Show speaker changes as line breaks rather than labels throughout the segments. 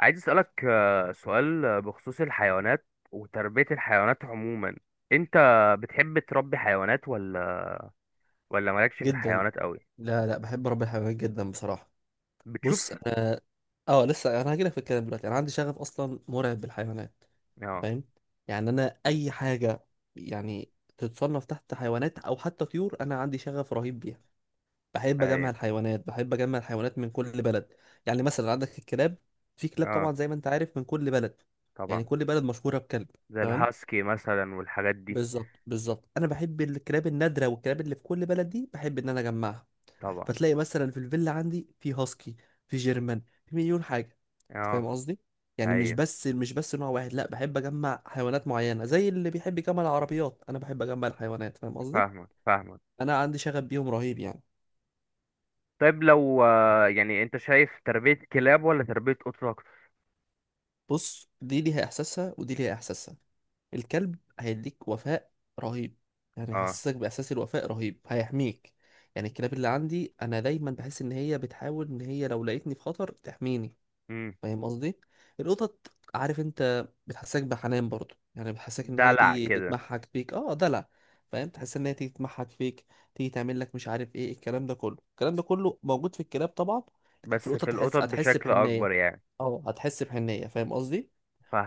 عايز اسألك سؤال بخصوص الحيوانات وتربية الحيوانات عموما. انت بتحب تربي حيوانات ولا مالكش في
جدا.
الحيوانات قوي؟
لا لا بحب رب الحيوانات جدا بصراحة. بص
بتشوف.
انا اه لسه هجيلك في الكلام دلوقتي، انا عندي شغف اصلا مرعب بالحيوانات.
اه.
فاهم؟ يعني انا اي حاجة يعني تتصنف تحت حيوانات او حتى طيور، انا عندي شغف رهيب بيها.
ايوه.
بحب اجمع الحيوانات من كل بلد. يعني مثلا عندك الكلاب، في كلاب
اه،
طبعا زي ما انت عارف من كل بلد. يعني
طبعا.
كل بلد مشهورة بكلب.
زي
تمام.
الهاسكي مثلا والحاجات دي.
بالظبط بالظبط انا بحب الكلاب النادرة والكلاب اللي في كل بلد دي، بحب ان انا اجمعها.
طبعا.
فتلاقي مثلا في الفيلا عندي في هاسكي، في جيرمان، في مليون حاجه. انت
اه.
فاهم قصدي؟ يعني
ايوه.
مش بس نوع واحد، لا بحب اجمع حيوانات معينه زي اللي بيحب يجمع العربيات، انا بحب اجمع الحيوانات. فاهم قصدي؟
فاهمك فاهمك.
انا عندي شغف بيهم رهيب يعني.
طيب لو يعني انت شايف تربية كلاب ولا تربية قطط اكتر؟
بص، دي ليها احساسها ودي ليها احساسها. الكلب هيديك وفاء رهيب. يعني
اه.
هيحسسك باحساس الوفاء رهيب، هيحميك. يعني الكلاب اللي عندي انا دايما بحس ان هي بتحاول ان هي لو لقيتني في خطر تحميني.
امم.
فاهم قصدي؟ القطط، عارف انت بتحسسك بحنان برضو، يعني بتحسسك ان هي
دلع
تيجي
كده.
تتمحك فيك، اه دلع. فاهم، تحس ان هي تيجي تتمحك فيك، تيجي تعمل لك مش عارف ايه الكلام ده كله، الكلام ده كله موجود في الكلاب طبعا. لكن في
بس
القطط
في
تحس
القطط
هتحس
بشكل
بحنيه،
اكبر يعني.
اه هتحس بحنيه. فاهم قصدي؟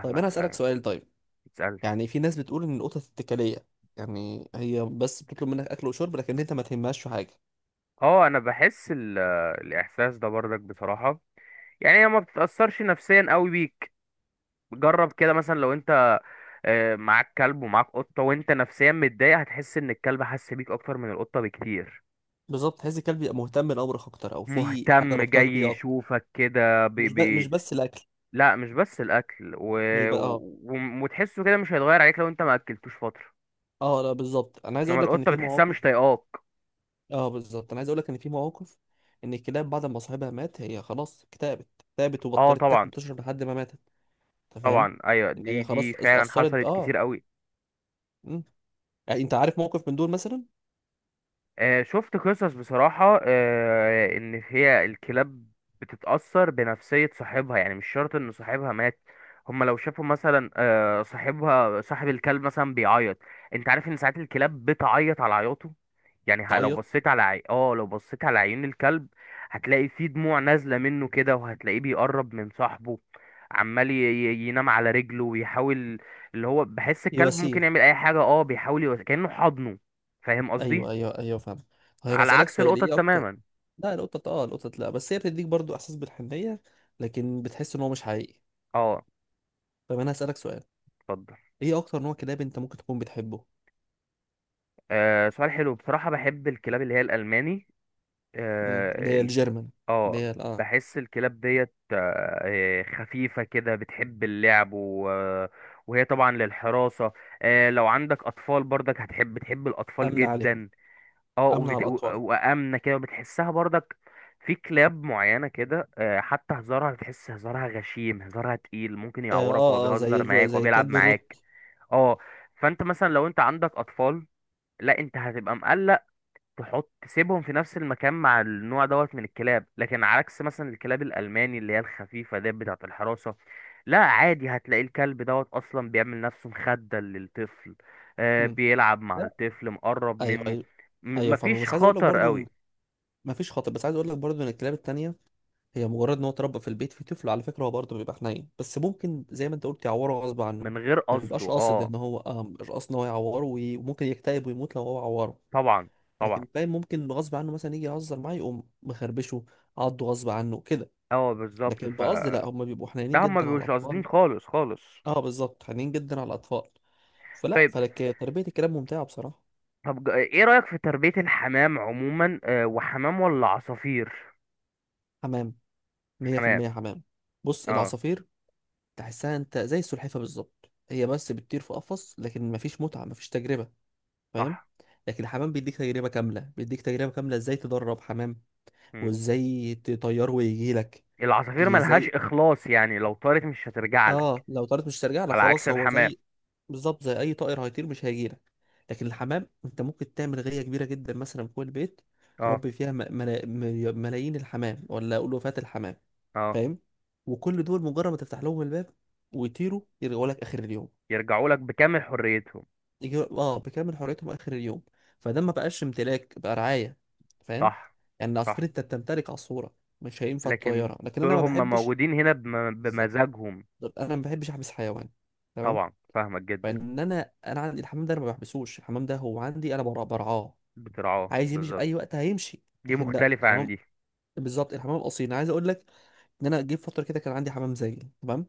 طيب انا هسألك
ايوه.
سؤال طيب.
تسأل.
يعني في ناس بتقول ان القطط اتكاليه، يعني هي بس بتطلب منك اكل وشرب لكن انت ما تهمهاش في حاجه.
اه، انا بحس الاحساس ده برضك بصراحه، يعني هي ما بتتاثرش نفسيا قوي بيك. جرب كده مثلا، لو انت معاك كلب ومعاك قطه وانت نفسيا متضايق، هتحس ان الكلب حس بيك اكتر من القطه بكتير.
بالظبط، تحس الكلب يبقى مهتم لامرك اكتر، او في حاجه
مهتم، جاي
ربطاك بيه اكتر.
يشوفك كده بي
مش
بي.
بس الاكل.
لا، مش بس الاكل و...
مش بقى اه.
و... وتحسه كده، مش هيتغير عليك لو انت ما اكلتوش فتره.
اه لا بالظبط، انا عايز
انما
اقول لك ان
القطه
في
بتحسها مش
مواقف
طايقاك.
اه بالظبط انا عايز اقول لك ان في مواقف ان الكلاب بعد ما صاحبها مات هي خلاص اكتئبت اكتئبت
اه،
وبطلت تاكل
طبعا.
وتشرب لحد ما ماتت. انت فاهم؟
طبعا، ايوه،
ان
دي
هي
دي
خلاص
فعلا
اتأثرت
حصلت
اه.
كتير قوي.
مم. يعني انت عارف موقف من دول مثلا؟
شفت قصص بصراحة، إن هي الكلاب بتتأثر بنفسية صاحبها، يعني مش شرط إن صاحبها مات. هما لو شافوا مثلا صاحب الكلب مثلا بيعيط. أنت عارف إن ساعات الكلاب بتعيط على عياطه. يعني لو
تعيط.
بصيت على عي... آه لو بصيت على عيون الكلب، هتلاقي فيه دموع نازلة منه كده، وهتلاقيه بيقرب من صاحبه. عمال ينام على رجله ويحاول، اللي هو بحس
هي
الكلب ممكن
وسيم.
يعمل أي حاجة. بيحاول كأنه حضنه. فاهم
ايوه
قصدي؟
ايوه ايوه فاهم. طيب
على
هسألك
عكس
سؤال
القطط
ايه اكتر.
تماما.
لا القطط، اه القطط لا، بس هي بتديك برضو احساس بالحنية، لكن بتحس ان هو مش حقيقي.
اه.
طب انا هسألك سؤال،
اتفضل.
ايه اكتر نوع كلاب انت ممكن تكون بتحبه؟
سؤال حلو بصراحة. بحب الكلاب اللي هي الألماني.
مم. اللي
اه
هي
ال-
الجيرمان،
آه،
اه.
بحس الكلاب ديت خفيفة كده، بتحب اللعب، و... آه، وهي طبعا للحراسة. لو عندك أطفال برضك هتحب، بتحب الأطفال
امن عليهم.
جدا. اه،
امنع
وبت... و...
الاطفال.
وآمنة كده وبتحسها برضك. في كلاب معينة كده حتى هزارها، بتحس هزارها غشيم، هزارها تقيل، ممكن
اه
يعورك وهو
اه آه،
بيهزر معاك وهو
زي
بيلعب
كلب الروت.
معاك. اه. فانت مثلا لو انت عندك اطفال، لا انت هتبقى مقلق تسيبهم في نفس المكان مع النوع دوت من الكلاب. لكن على عكس مثلا الكلاب الالماني اللي هي الخفيفه ديت بتاعه الحراسه، لا عادي، هتلاقي الكلب دوت اصلا بيعمل نفسه مخده للطفل.
مم.
بيلعب مع
لا،
الطفل، مقرب
ايوه
منه.
ايوه ايوه فاهمك،
مفيش
بس عايز اقول لك
خطر
برضو ان
قوي،
مفيش خطر بس عايز اقول لك برضو ان الكلاب التانية هي مجرد ان هو اتربى في البيت في طفل، على فكره هو برضو بيبقى حنين، بس ممكن زي ما انت قلت يعوره غصب عنه.
من غير
ما
قصده.
بيبقاش قاصد
اه،
ان هو آه مش قاصد ان هو يعوره، وممكن يكتئب ويموت لو هو عوره.
طبعا. طبعا.
لكن باين ممكن غصب عنه مثلا يجي يهزر معاه يقوم مخربشه، عضه غصب عنه كده.
اه، بالظبط،
لكن بقصد
فده
لا، هم بيبقوا حنينين
هما
جدا على
مش قاصدين
الاطفال.
خالص خالص.
اه بالظبط، حنينين جدا على الاطفال. فلا
طيب.
فلك تربية الكلاب ممتعة بصراحة.
ايه رأيك في تربية الحمام عموما، وحمام ولا عصافير؟
حمام،
حمام.
100% حمام. بص
اه،
العصافير تحسها انت زي السلحفة بالظبط، هي بس بتطير في قفص لكن مفيش متعة مفيش تجربة. فاهم.
صح.
لكن الحمام بيديك تجربة كاملة، بيديك تجربة كاملة ازاي تدرب حمام
مم.
وازاي تطيره ويجي لك.
العصافير ملهاش
ازاي
إخلاص، يعني لو طارت مش هترجع لك،
اه، لو طارت مش ترجع لك
على عكس
خلاص، هو
الحمام.
زي، بالظبط زي اي طائر هيطير مش هيجي لك. لكن الحمام انت ممكن تعمل غية كبيرة جدا مثلا فوق البيت،
اه.
تربي فيها ملايين الحمام، ولا اقول وفاة الحمام.
اه.
فاهم. وكل دول مجرد ما تفتح لهم الباب ويطيروا يرجعوا لك اخر اليوم.
يرجعوا لك بكامل حريتهم.
يجي اه بكامل حريتهم اخر اليوم. فده ما بقاش امتلاك، بقى رعايه. فاهم.
صح.
يعني العصفور
صح،
انت بتمتلك عصفوره، مش هينفع
لكن
تطيرها، لكن
دول
انا ما
هم
بحبش.
موجودين هنا
بالظبط،
بمزاجهم.
انا ما بحبش احبس حيوان. تمام.
طبعا، فاهمك جدا.
فان انا عندي الحمام ده، انا ما بحبسوش، الحمام ده هو عندي انا برعاه.
بترعاه
عايز يمشي في
بالظبط.
اي وقت هيمشي.
دي
لكن لا
مختلفة عن
الحمام،
دي.
بالظبط الحمام اصيل، انا عايز اقول لك ان انا جيت فتره كده كان عندي حمام زاجل تمام.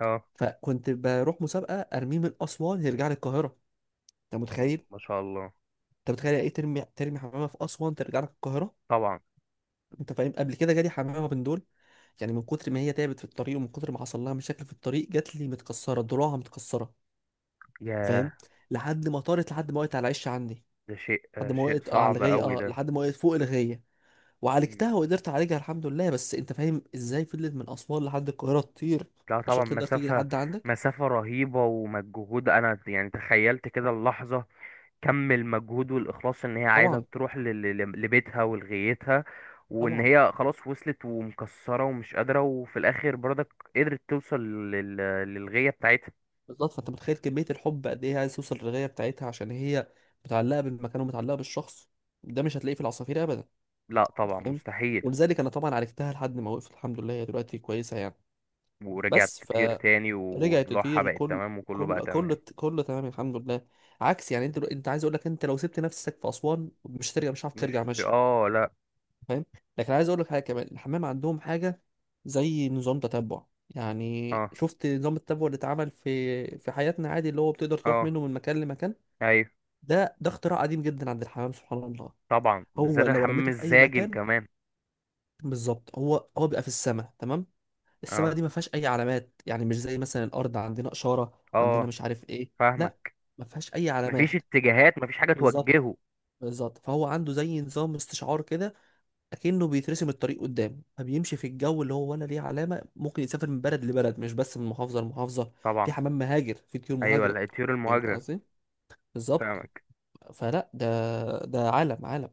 اه.
فكنت بروح مسابقه ارميه من اسوان يرجع لي القاهره. انت متخيل؟
ما شاء الله.
انت متخيل يعني ايه، ترمي حمامه في اسوان ترجع لك القاهره.
طبعا.
انت فاهم، قبل كده جالي حمامه من دول، يعني من كتر ما هي تعبت في الطريق ومن كتر ما حصل لها مشاكل في الطريق، جات لي متكسره ضلوعها متكسره.
ياه.
فاهم. لحد ما طارت، لحد ما وقعت على العش عندي،
ده
لحد ما
شيء
وقعت آه، على
صعب
الغيه
قوي
اه،
ده.
لحد ما وقعت فوق الغيه. وعالجتها وقدرت اعالجها الحمد لله. بس انت فاهم ازاي فضلت من اسوان لحد القاهره تطير
لا
عشان
طبعا،
تقدر تيجي
مسافة.
لحد عندك.
مسافة رهيبة ومجهود، أنا يعني تخيلت كده اللحظة كم المجهود والإخلاص، إن هي عايزة
طبعا
تروح لبيتها ولغايتها، وإن
طبعا،
هي خلاص وصلت ومكسرة ومش قادرة، وفي الآخر برضك قدرت توصل لل- للغاية بتاعتها.
بالظبط. فانت متخيل كمية الحب قد ايه عايز توصل للغاية بتاعتها، عشان هي متعلقة بالمكان ومتعلقة بالشخص. ده مش هتلاقيه في العصافير ابدا.
لا
انت
طبعا،
فاهم.
مستحيل.
ولذلك انا طبعا عالجتها لحد ما وقفت الحمد لله، هي دلوقتي كويسة يعني.
ورجعت
بس
تطير تاني
فرجعت
وضلوعها
تطير،
بقت تمام وكله بقى تمام.
كل تمام الحمد لله. عكس يعني، انت عايز اقول لك، انت لو سبت نفسك في اسوان مش هترجع، مش هتعرف ترجع
مش.
ماشي.
اه. لا.
فاهم. لكن عايز اقول لك حاجه كمان، الحمام عندهم حاجه زي نظام تتبع. يعني
اه.
شفت نظام التتبع اللي اتعمل في حياتنا عادي، اللي هو بتقدر تروح
اه.
منه من مكان لمكان.
ايوه،
ده اختراع قديم جدا عند الحمام، سبحان الله.
طبعا،
هو
بالذات
لو
الحمام
رميته في اي
الزاجل
مكان،
كمان.
بالظبط، هو هو بيبقى في السماء تمام. السماء
اه.
دي ما فيهاش اي علامات، يعني مش زي مثلا الارض عندنا اشاره عندنا
اه.
مش عارف ايه. لا،
فاهمك.
ما فيهاش اي
مفيش
علامات.
اتجاهات، مفيش حاجة
بالظبط
توجهه.
بالظبط، فهو عنده زي نظام استشعار كده، اكنه بيترسم الطريق قدامه فبيمشي في الجو اللي هو ولا ليه علامه، ممكن يسافر من بلد لبلد مش بس من محافظه لمحافظه.
طبعا.
في حمام مهاجر، في طيور
أيوة،
مهاجره.
الطيور
فهمت
المهاجرة.
قصدي. بالظبط.
فاهمك.
فلا ده، ده عالم عالم.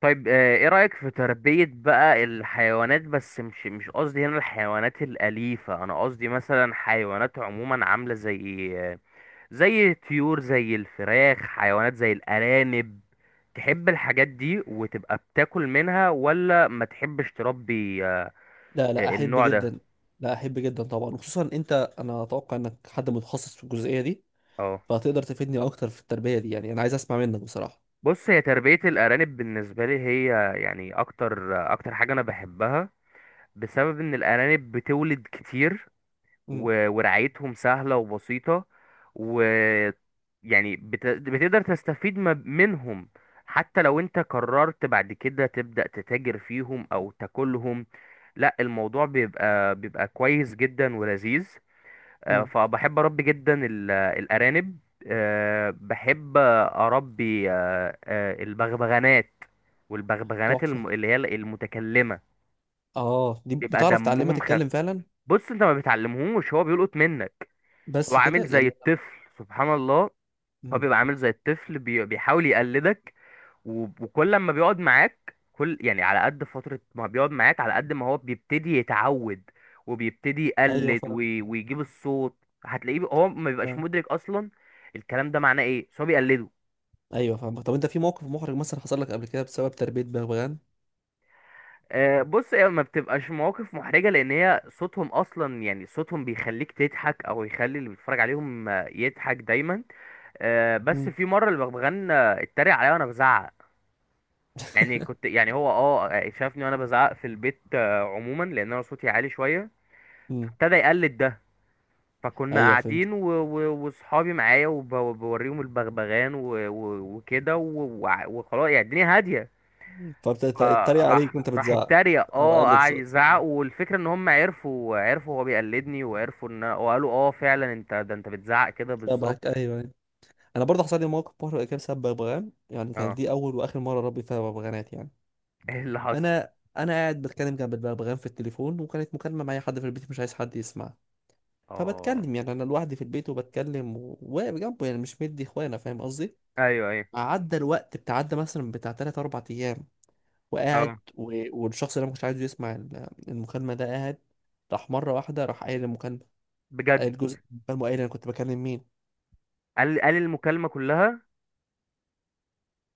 طيب، ايه رأيك في تربية بقى الحيوانات؟ بس مش قصدي هنا الحيوانات الأليفة، أنا قصدي مثلا حيوانات عموما عاملة زي زي الطيور، زي الفراخ، حيوانات زي الأرانب. تحب الحاجات دي وتبقى بتاكل منها ولا ما تحبش تربي
لا لا، احب
النوع ده؟
جدا. لا احب جدا طبعا. وخصوصا انت، انا اتوقع انك حد متخصص في الجزئيه دي،
اه.
فهتقدر تفيدني اكتر في التربيه دي. يعني انا عايز اسمع منك بصراحه.
بص، هي تربية الأرانب بالنسبة لي، هي يعني أكتر أكتر حاجة أنا بحبها، بسبب ان الارانب بتولد كتير
امم.
ورعايتهم سهلة وبسيطة، و، يعني بتقدر تستفيد منهم. حتى لو انت قررت بعد كده تبدأ تتاجر فيهم او تاكلهم، لا، الموضوع بيبقى، كويس جدا ولذيذ.
امم.
فبحب اربي جدا الارانب. بحب اربي البغبغانات، والبغبغانات
تحفه.
اللي هي المتكلمة.
اه دي
بيبقى
بتعرف تعلمها
دمهم خفيف.
تتكلم فعلا؟
بص، انت ما بتعلمهوش، هو بيلقط منك. هو
بس كده
عامل زي
يعني.
الطفل، سبحان الله. هو
مم.
بيبقى عامل زي الطفل، بيحاول يقلدك، و... وكل ما بيقعد معاك، كل يعني على قد فترة ما بيقعد معاك، على قد ما هو بيبتدي يتعود وبيبتدي
ايوه
يقلد
فاهم.
ويجيب الصوت. هتلاقيه هو ما بيبقاش مدرك اصلا الكلام ده معناه ايه، بس هو بيقلده.
ايوه فاهمك. طب انت في موقف محرج مثلا حصل لك قبل كده بسبب تربية بغبغان؟
بص، هي ما بتبقاش مواقف محرجة، لأن هي صوتهم أصلا، يعني صوتهم بيخليك تضحك، أو يخلي اللي بيتفرج عليهم يضحك دايما. بس
مم.
في مره البغبغان اتريق عليا وانا بزعق. يعني كنت يعني هو اه آه، شافني وانا بزعق في البيت عموما، لان انا صوتي عالي شويه،
امم.
فابتدى يقلد ده. فكنا
ايوه فهمت.
قاعدين و- و- واصحابي معايا وبوريهم البغبغان و- و- وكده و- وع- وخلاص، يعني الدنيا هاديه،
فبتتريق عليك
فراح
وانت
راح
بتزعق.
اتريق.
او
اه،
قلت
قعد
صوت
يزعق.
مم.
والفكره ان هم عرفوا هو بيقلدني، وعرفوا ان وقالوا: اه، فعلا، انت بتزعق كده
شبهك، ايوه،
بالظبط.
أيوة. انا برضه حصل لي موقف محرج كده بسبب بغبغان، يعني كانت
اه.
دي اول واخر مره اربي فيها بغبغانات يعني.
ايه اللي حصل؟
انا قاعد بتكلم جنب البغبغان في التليفون، وكانت مكالمه معايا حد في البيت مش عايز حد يسمع.
اه.
فبتكلم يعني انا لوحدي في البيت، وبتكلم وواقف جنبه، يعني مش مدي اخوانا، فاهم قصدي.
ايوه. ايوه.
عدى الوقت بتعدى مثلا بتاع 3 4 ايام، وقاعد
آه.
والشخص اللي انا ما كنتش عايزه يسمع المكالمه ده قاعد. راح مره واحده راح قايل المكالمه.
بجد؟
قايل جزء من المكالمه، وقايل انا كنت بكلم مين.
قال المكالمة كلها.